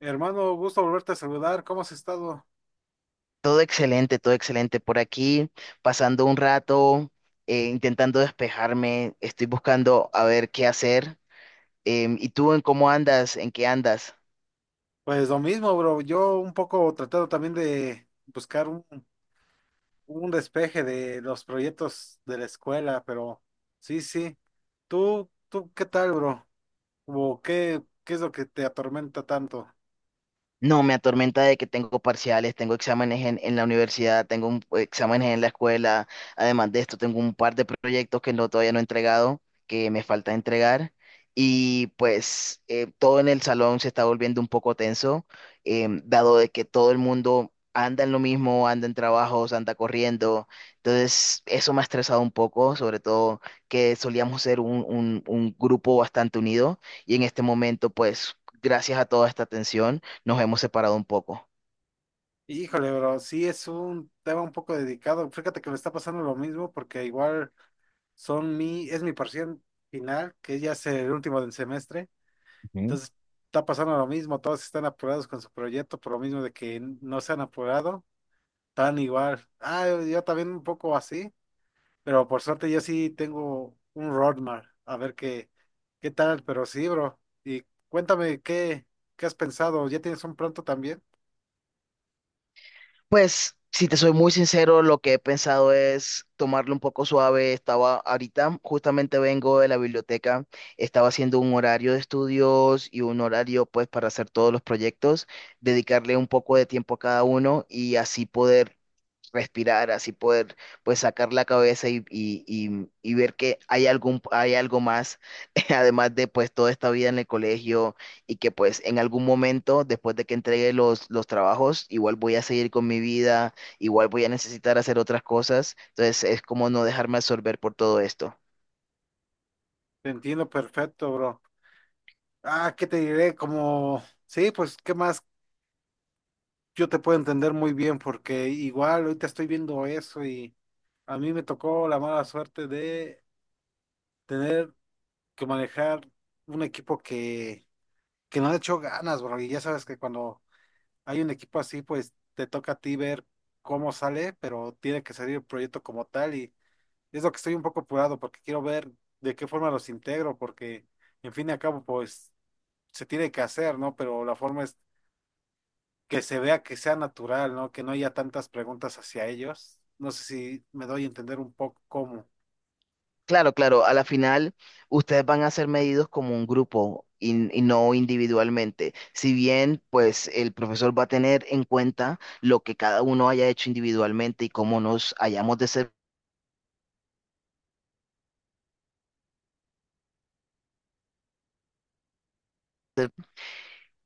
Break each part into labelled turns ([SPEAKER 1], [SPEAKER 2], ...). [SPEAKER 1] Hermano, gusto volverte a saludar. ¿Cómo has estado?
[SPEAKER 2] Todo excelente, todo excelente. Por aquí, pasando un rato, intentando despejarme, estoy buscando a ver qué hacer. ¿Y tú en cómo andas? ¿En qué andas?
[SPEAKER 1] Pues lo mismo, bro. Yo un poco tratando también de buscar un despeje de los proyectos de la escuela, pero sí, sí. ¿Tú qué tal, bro? ¿O qué es lo que te atormenta tanto?
[SPEAKER 2] No, me atormenta de que tengo parciales, tengo exámenes en la universidad, exámenes en la escuela. Además de esto, tengo un par de proyectos que no, todavía no he entregado, que me falta entregar. Y pues todo en el salón se está volviendo un poco tenso, dado de que todo el mundo anda en lo mismo, anda en trabajos, anda corriendo. Entonces, eso me ha estresado un poco, sobre todo que solíamos un grupo bastante unido y en este momento, pues, gracias a toda esta tensión nos hemos separado un poco.
[SPEAKER 1] Híjole, bro, sí es un tema un poco dedicado. Fíjate que me está pasando lo mismo porque igual son mi, es mi parcial final, que ya es el último del semestre.
[SPEAKER 2] ¿Mm?
[SPEAKER 1] Entonces, está pasando lo mismo, todos están apurados con su proyecto, por lo mismo de que no se han apurado, tan igual. Ah, yo también un poco así, pero por suerte yo sí tengo un roadmap, a ver qué, qué tal, pero sí, bro. Y cuéntame, ¿qué, qué has pensado? ¿Ya tienes un pronto también?
[SPEAKER 2] Pues, si te soy muy sincero, lo que he pensado es tomarlo un poco suave. Estaba ahorita, justamente vengo de la biblioteca, estaba haciendo un horario de estudios y un horario pues para hacer todos los proyectos, dedicarle un poco de tiempo a cada uno y así poder respirar, así poder pues sacar la cabeza y ver que hay algo más, además de pues toda esta vida en el colegio y que pues en algún momento, después de que entregue los trabajos, igual voy a seguir con mi vida, igual voy a necesitar hacer otras cosas, entonces es como no dejarme absorber por todo esto.
[SPEAKER 1] Te entiendo perfecto, bro. Ah, ¿qué te diré? Como, sí, pues, ¿qué más? Yo te puedo entender muy bien porque igual ahorita estoy viendo eso y a mí me tocó la mala suerte de tener que manejar un equipo que no le echó ganas, bro. Y ya sabes que cuando hay un equipo así, pues te toca a ti ver cómo sale, pero tiene que salir el proyecto como tal. Y es lo que estoy un poco apurado porque quiero ver de qué forma los integro, porque en fin y al cabo, pues se tiene que hacer, ¿no? Pero la forma es que se vea que sea natural, ¿no? Que no haya tantas preguntas hacia ellos. No sé si me doy a entender un poco cómo.
[SPEAKER 2] Claro, claro, a la final ustedes van a ser medidos como un grupo y no individualmente. Si bien, pues el profesor va a tener en cuenta lo que cada uno haya hecho individualmente y cómo nos hayamos de ser,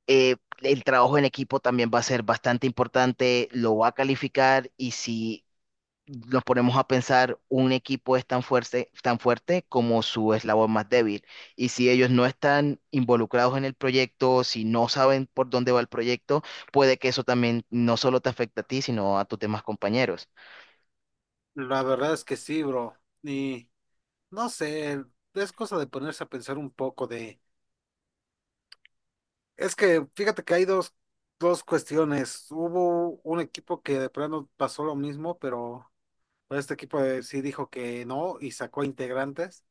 [SPEAKER 2] eh, el trabajo en equipo también va a ser bastante importante, lo va a calificar y si nos ponemos a pensar, un equipo es tan fuerte como su eslabón más débil. Y si ellos no están involucrados en el proyecto, si no saben por dónde va el proyecto, puede que eso también no solo te afecte a ti, sino a tus demás compañeros.
[SPEAKER 1] La verdad es que sí, bro. Y. No sé, es cosa de ponerse a pensar un poco de... Es que fíjate que hay dos cuestiones. Hubo un equipo que de plano pasó lo mismo, pero pues, este equipo sí dijo que no y sacó integrantes.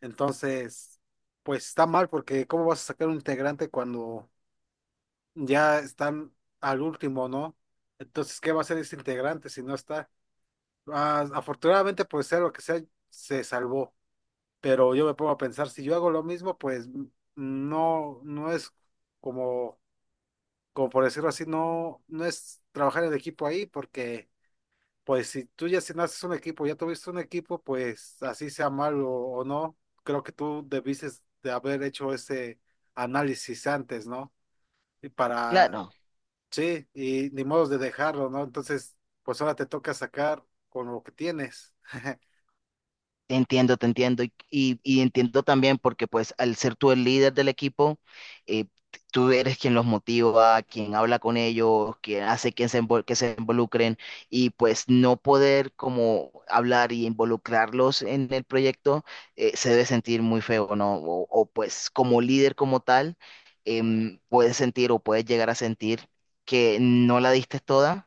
[SPEAKER 1] Entonces, pues está mal porque ¿cómo vas a sacar un integrante cuando ya están al último, no? Entonces, ¿qué va a hacer ese integrante si no está? Ah, afortunadamente, por ser lo que sea, se salvó. Pero yo me pongo a pensar, si yo hago lo mismo, pues no, no es como, como por decirlo así, no, no es trabajar en equipo ahí, porque pues si tú ya si naces un equipo, ya tuviste un equipo, pues así sea malo o no, creo que tú debiste de haber hecho ese análisis antes, ¿no? Y para,
[SPEAKER 2] Claro,
[SPEAKER 1] sí, y ni modos de dejarlo, ¿no? Entonces, pues ahora te toca sacar con lo que tienes.
[SPEAKER 2] te entiendo, te entiendo. Y entiendo también porque pues al ser tú el líder del equipo, eh, tú eres quien los motiva, quien habla con ellos, quien hace que se involucren y pues no poder como hablar y involucrarlos en el proyecto, se debe sentir muy feo, ¿no? Pues como líder como tal, puedes sentir o puedes llegar a sentir que no la diste toda,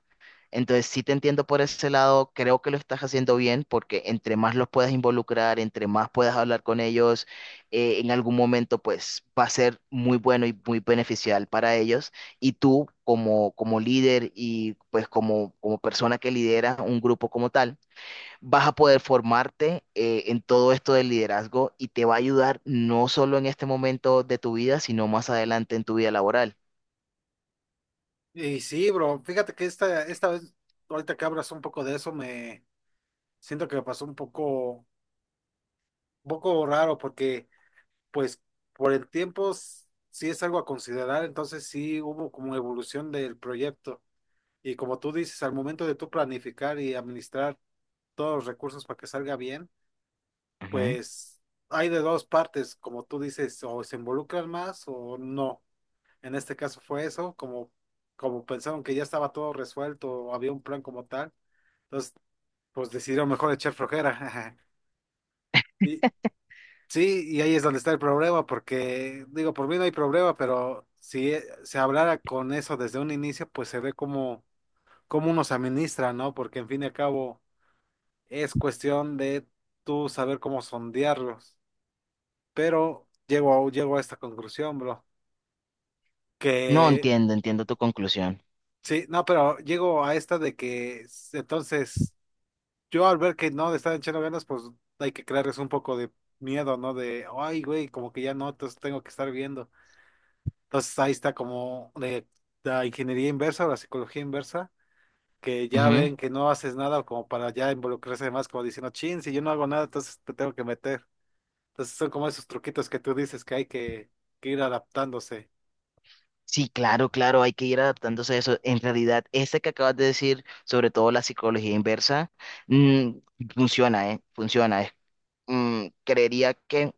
[SPEAKER 2] entonces, sí te entiendo por ese lado, creo que lo estás haciendo bien porque entre más los puedas involucrar, entre más puedas hablar con ellos, en algún momento pues va a ser muy bueno y muy beneficial para ellos. Y tú como, como líder y pues como, como persona que lidera un grupo como tal, vas a poder formarte en todo esto del liderazgo y te va a ayudar no solo en este momento de tu vida, sino más adelante en tu vida laboral.
[SPEAKER 1] Y sí, bro, fíjate que esta vez, ahorita que hablas un poco de eso, me, siento que me pasó un poco raro porque, pues, por el tiempo sí es algo a considerar, entonces sí hubo como evolución del proyecto. Y como tú dices, al momento de tú planificar y administrar todos los recursos para que salga bien,
[SPEAKER 2] Ujú.
[SPEAKER 1] pues hay de dos partes, como tú dices, o se involucran más o no. En este caso fue eso, como, como pensaron que ya estaba todo resuelto o había un plan como tal, entonces pues decidieron mejor echar flojera. Y, sí, y ahí es donde está el problema, porque digo, por mí no hay problema, pero si se hablara con eso desde un inicio, pues se ve cómo, cómo uno se administra, ¿no? Porque en fin y al cabo es cuestión de tú saber cómo sondearlos. Pero llego a esta conclusión, bro,
[SPEAKER 2] No
[SPEAKER 1] que
[SPEAKER 2] entiendo, entiendo tu conclusión.
[SPEAKER 1] sí, no, pero llego a esta de que entonces yo al ver que no le están echando ganas, pues hay que crearles un poco de miedo, ¿no? De, ay, güey, como que ya no, entonces tengo que estar viendo. Entonces ahí está como de la ingeniería inversa o la psicología inversa, que ya
[SPEAKER 2] Ujú.
[SPEAKER 1] ven que no haces nada como para ya involucrarse más, como diciendo, chin, si yo no hago nada, entonces te tengo que meter. Entonces son como esos truquitos que tú dices que hay que ir adaptándose.
[SPEAKER 2] Sí, claro, claro, hay que ir adaptándose a eso. En realidad, este que acabas de decir, sobre todo la psicología inversa, mm, funciona, ¿eh? Funciona. Creería que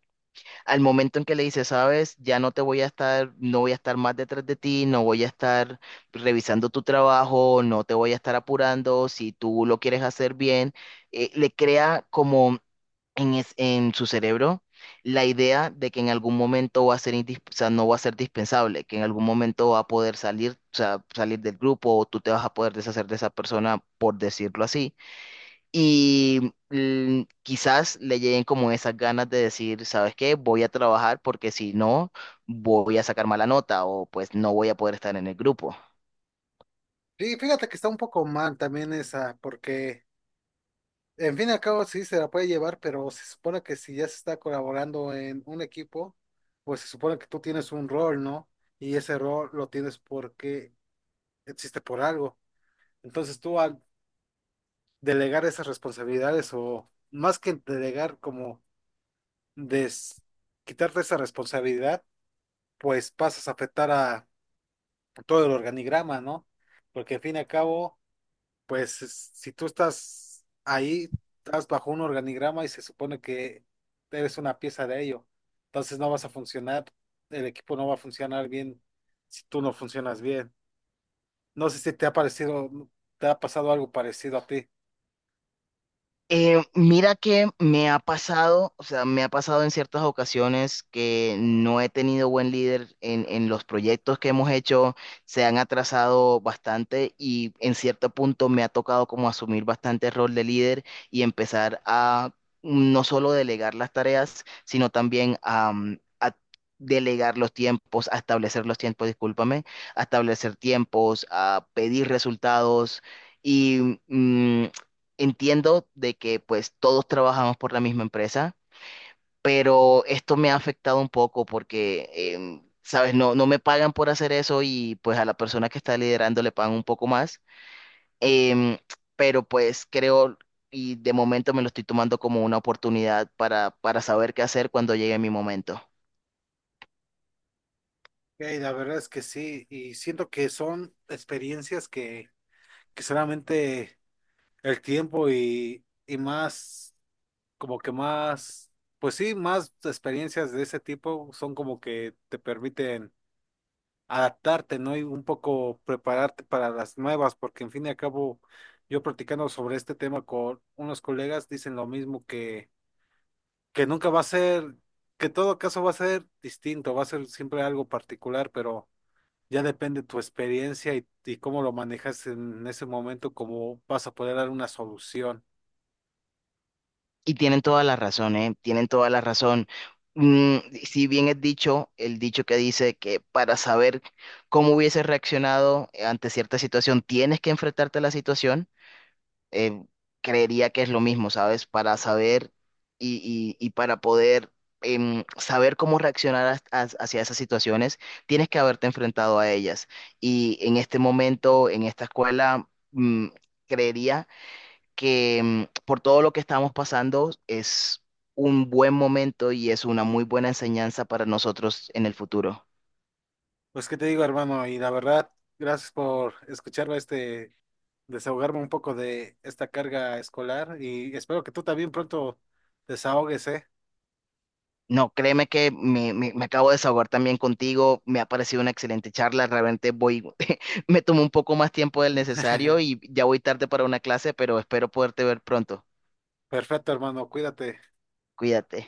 [SPEAKER 2] al momento en que le dices, sabes, ya no te voy a estar, no voy a estar más detrás de ti, no voy a estar revisando tu trabajo, no te voy a estar apurando, si tú lo quieres hacer bien, le crea como en su cerebro la idea de que en algún momento va a ser, o sea, no va a ser dispensable, que en algún momento va a poder salir, o sea, salir del grupo o tú te vas a poder deshacer de esa persona, por decirlo así. Y quizás le lleguen como esas ganas de decir, ¿sabes qué? Voy a trabajar porque si no, voy a sacar mala nota o pues no voy a poder estar en el grupo.
[SPEAKER 1] Sí, fíjate que está un poco mal también esa, porque en fin y al cabo sí se la puede llevar, pero se supone que si ya se está colaborando en un equipo, pues se supone que tú tienes un rol, ¿no? Y ese rol lo tienes porque existe por algo. Entonces tú al delegar esas responsabilidades o más que delegar como des, quitarte esa responsabilidad, pues pasas a afectar a todo el organigrama, ¿no? Porque al fin y al cabo, pues si tú estás ahí, estás bajo un organigrama y se supone que eres una pieza de ello, entonces no vas a funcionar, el equipo no va a funcionar bien si tú no funcionas bien. No sé si te ha parecido, te ha pasado algo parecido a ti.
[SPEAKER 2] Mira que me ha pasado, o sea, me ha pasado en ciertas ocasiones que no he tenido buen líder en los proyectos que hemos hecho, se han atrasado bastante y en cierto punto me ha tocado como asumir bastante rol de líder y empezar a no solo delegar las tareas, sino también a delegar los tiempos, a establecer los tiempos, discúlpame, a establecer tiempos, a pedir resultados. Y mm, Entiendo de que pues todos trabajamos por la misma empresa, pero esto me ha afectado un poco porque, sabes, no, no me pagan por hacer eso y pues a la persona que está liderando le pagan un poco más. Em, pero pues creo y de momento me lo estoy tomando como una oportunidad para saber qué hacer cuando llegue mi momento.
[SPEAKER 1] Ey, la verdad es que sí, y siento que son experiencias que solamente el tiempo y más, como que más, pues sí, más experiencias de ese tipo son como que te permiten adaptarte, ¿no? Y un poco prepararte para las nuevas, porque en fin y al cabo, yo platicando sobre este tema con unos colegas, dicen lo mismo que nunca va a ser, que todo caso va a ser distinto, va a ser siempre algo particular, pero ya depende tu experiencia y cómo lo manejas en ese momento, cómo vas a poder dar una solución.
[SPEAKER 2] Y tienen toda la razón, ¿eh? Tienen toda la razón. Mm, si bien es dicho, el dicho que dice que para saber cómo hubieses reaccionado ante cierta situación, tienes que enfrentarte a la situación, eh, creería que es lo mismo, ¿sabes? Para saber y para poder saber cómo reaccionar hacia esas situaciones, tienes que haberte enfrentado a ellas. Y en este momento, en esta escuela, creería que por todo lo que estamos pasando es un buen momento y es una muy buena enseñanza para nosotros en el futuro.
[SPEAKER 1] Pues qué te digo, hermano, y la verdad, gracias por escucharme este, desahogarme un poco de esta carga escolar y espero que tú también pronto desahogues, ¿eh?
[SPEAKER 2] No, créeme que me acabo de desahogar también contigo, me ha parecido una excelente charla, realmente voy, me tomó un poco más tiempo del necesario y ya voy tarde para una clase, pero espero poderte ver pronto.
[SPEAKER 1] Perfecto, hermano, cuídate.
[SPEAKER 2] Cuídate.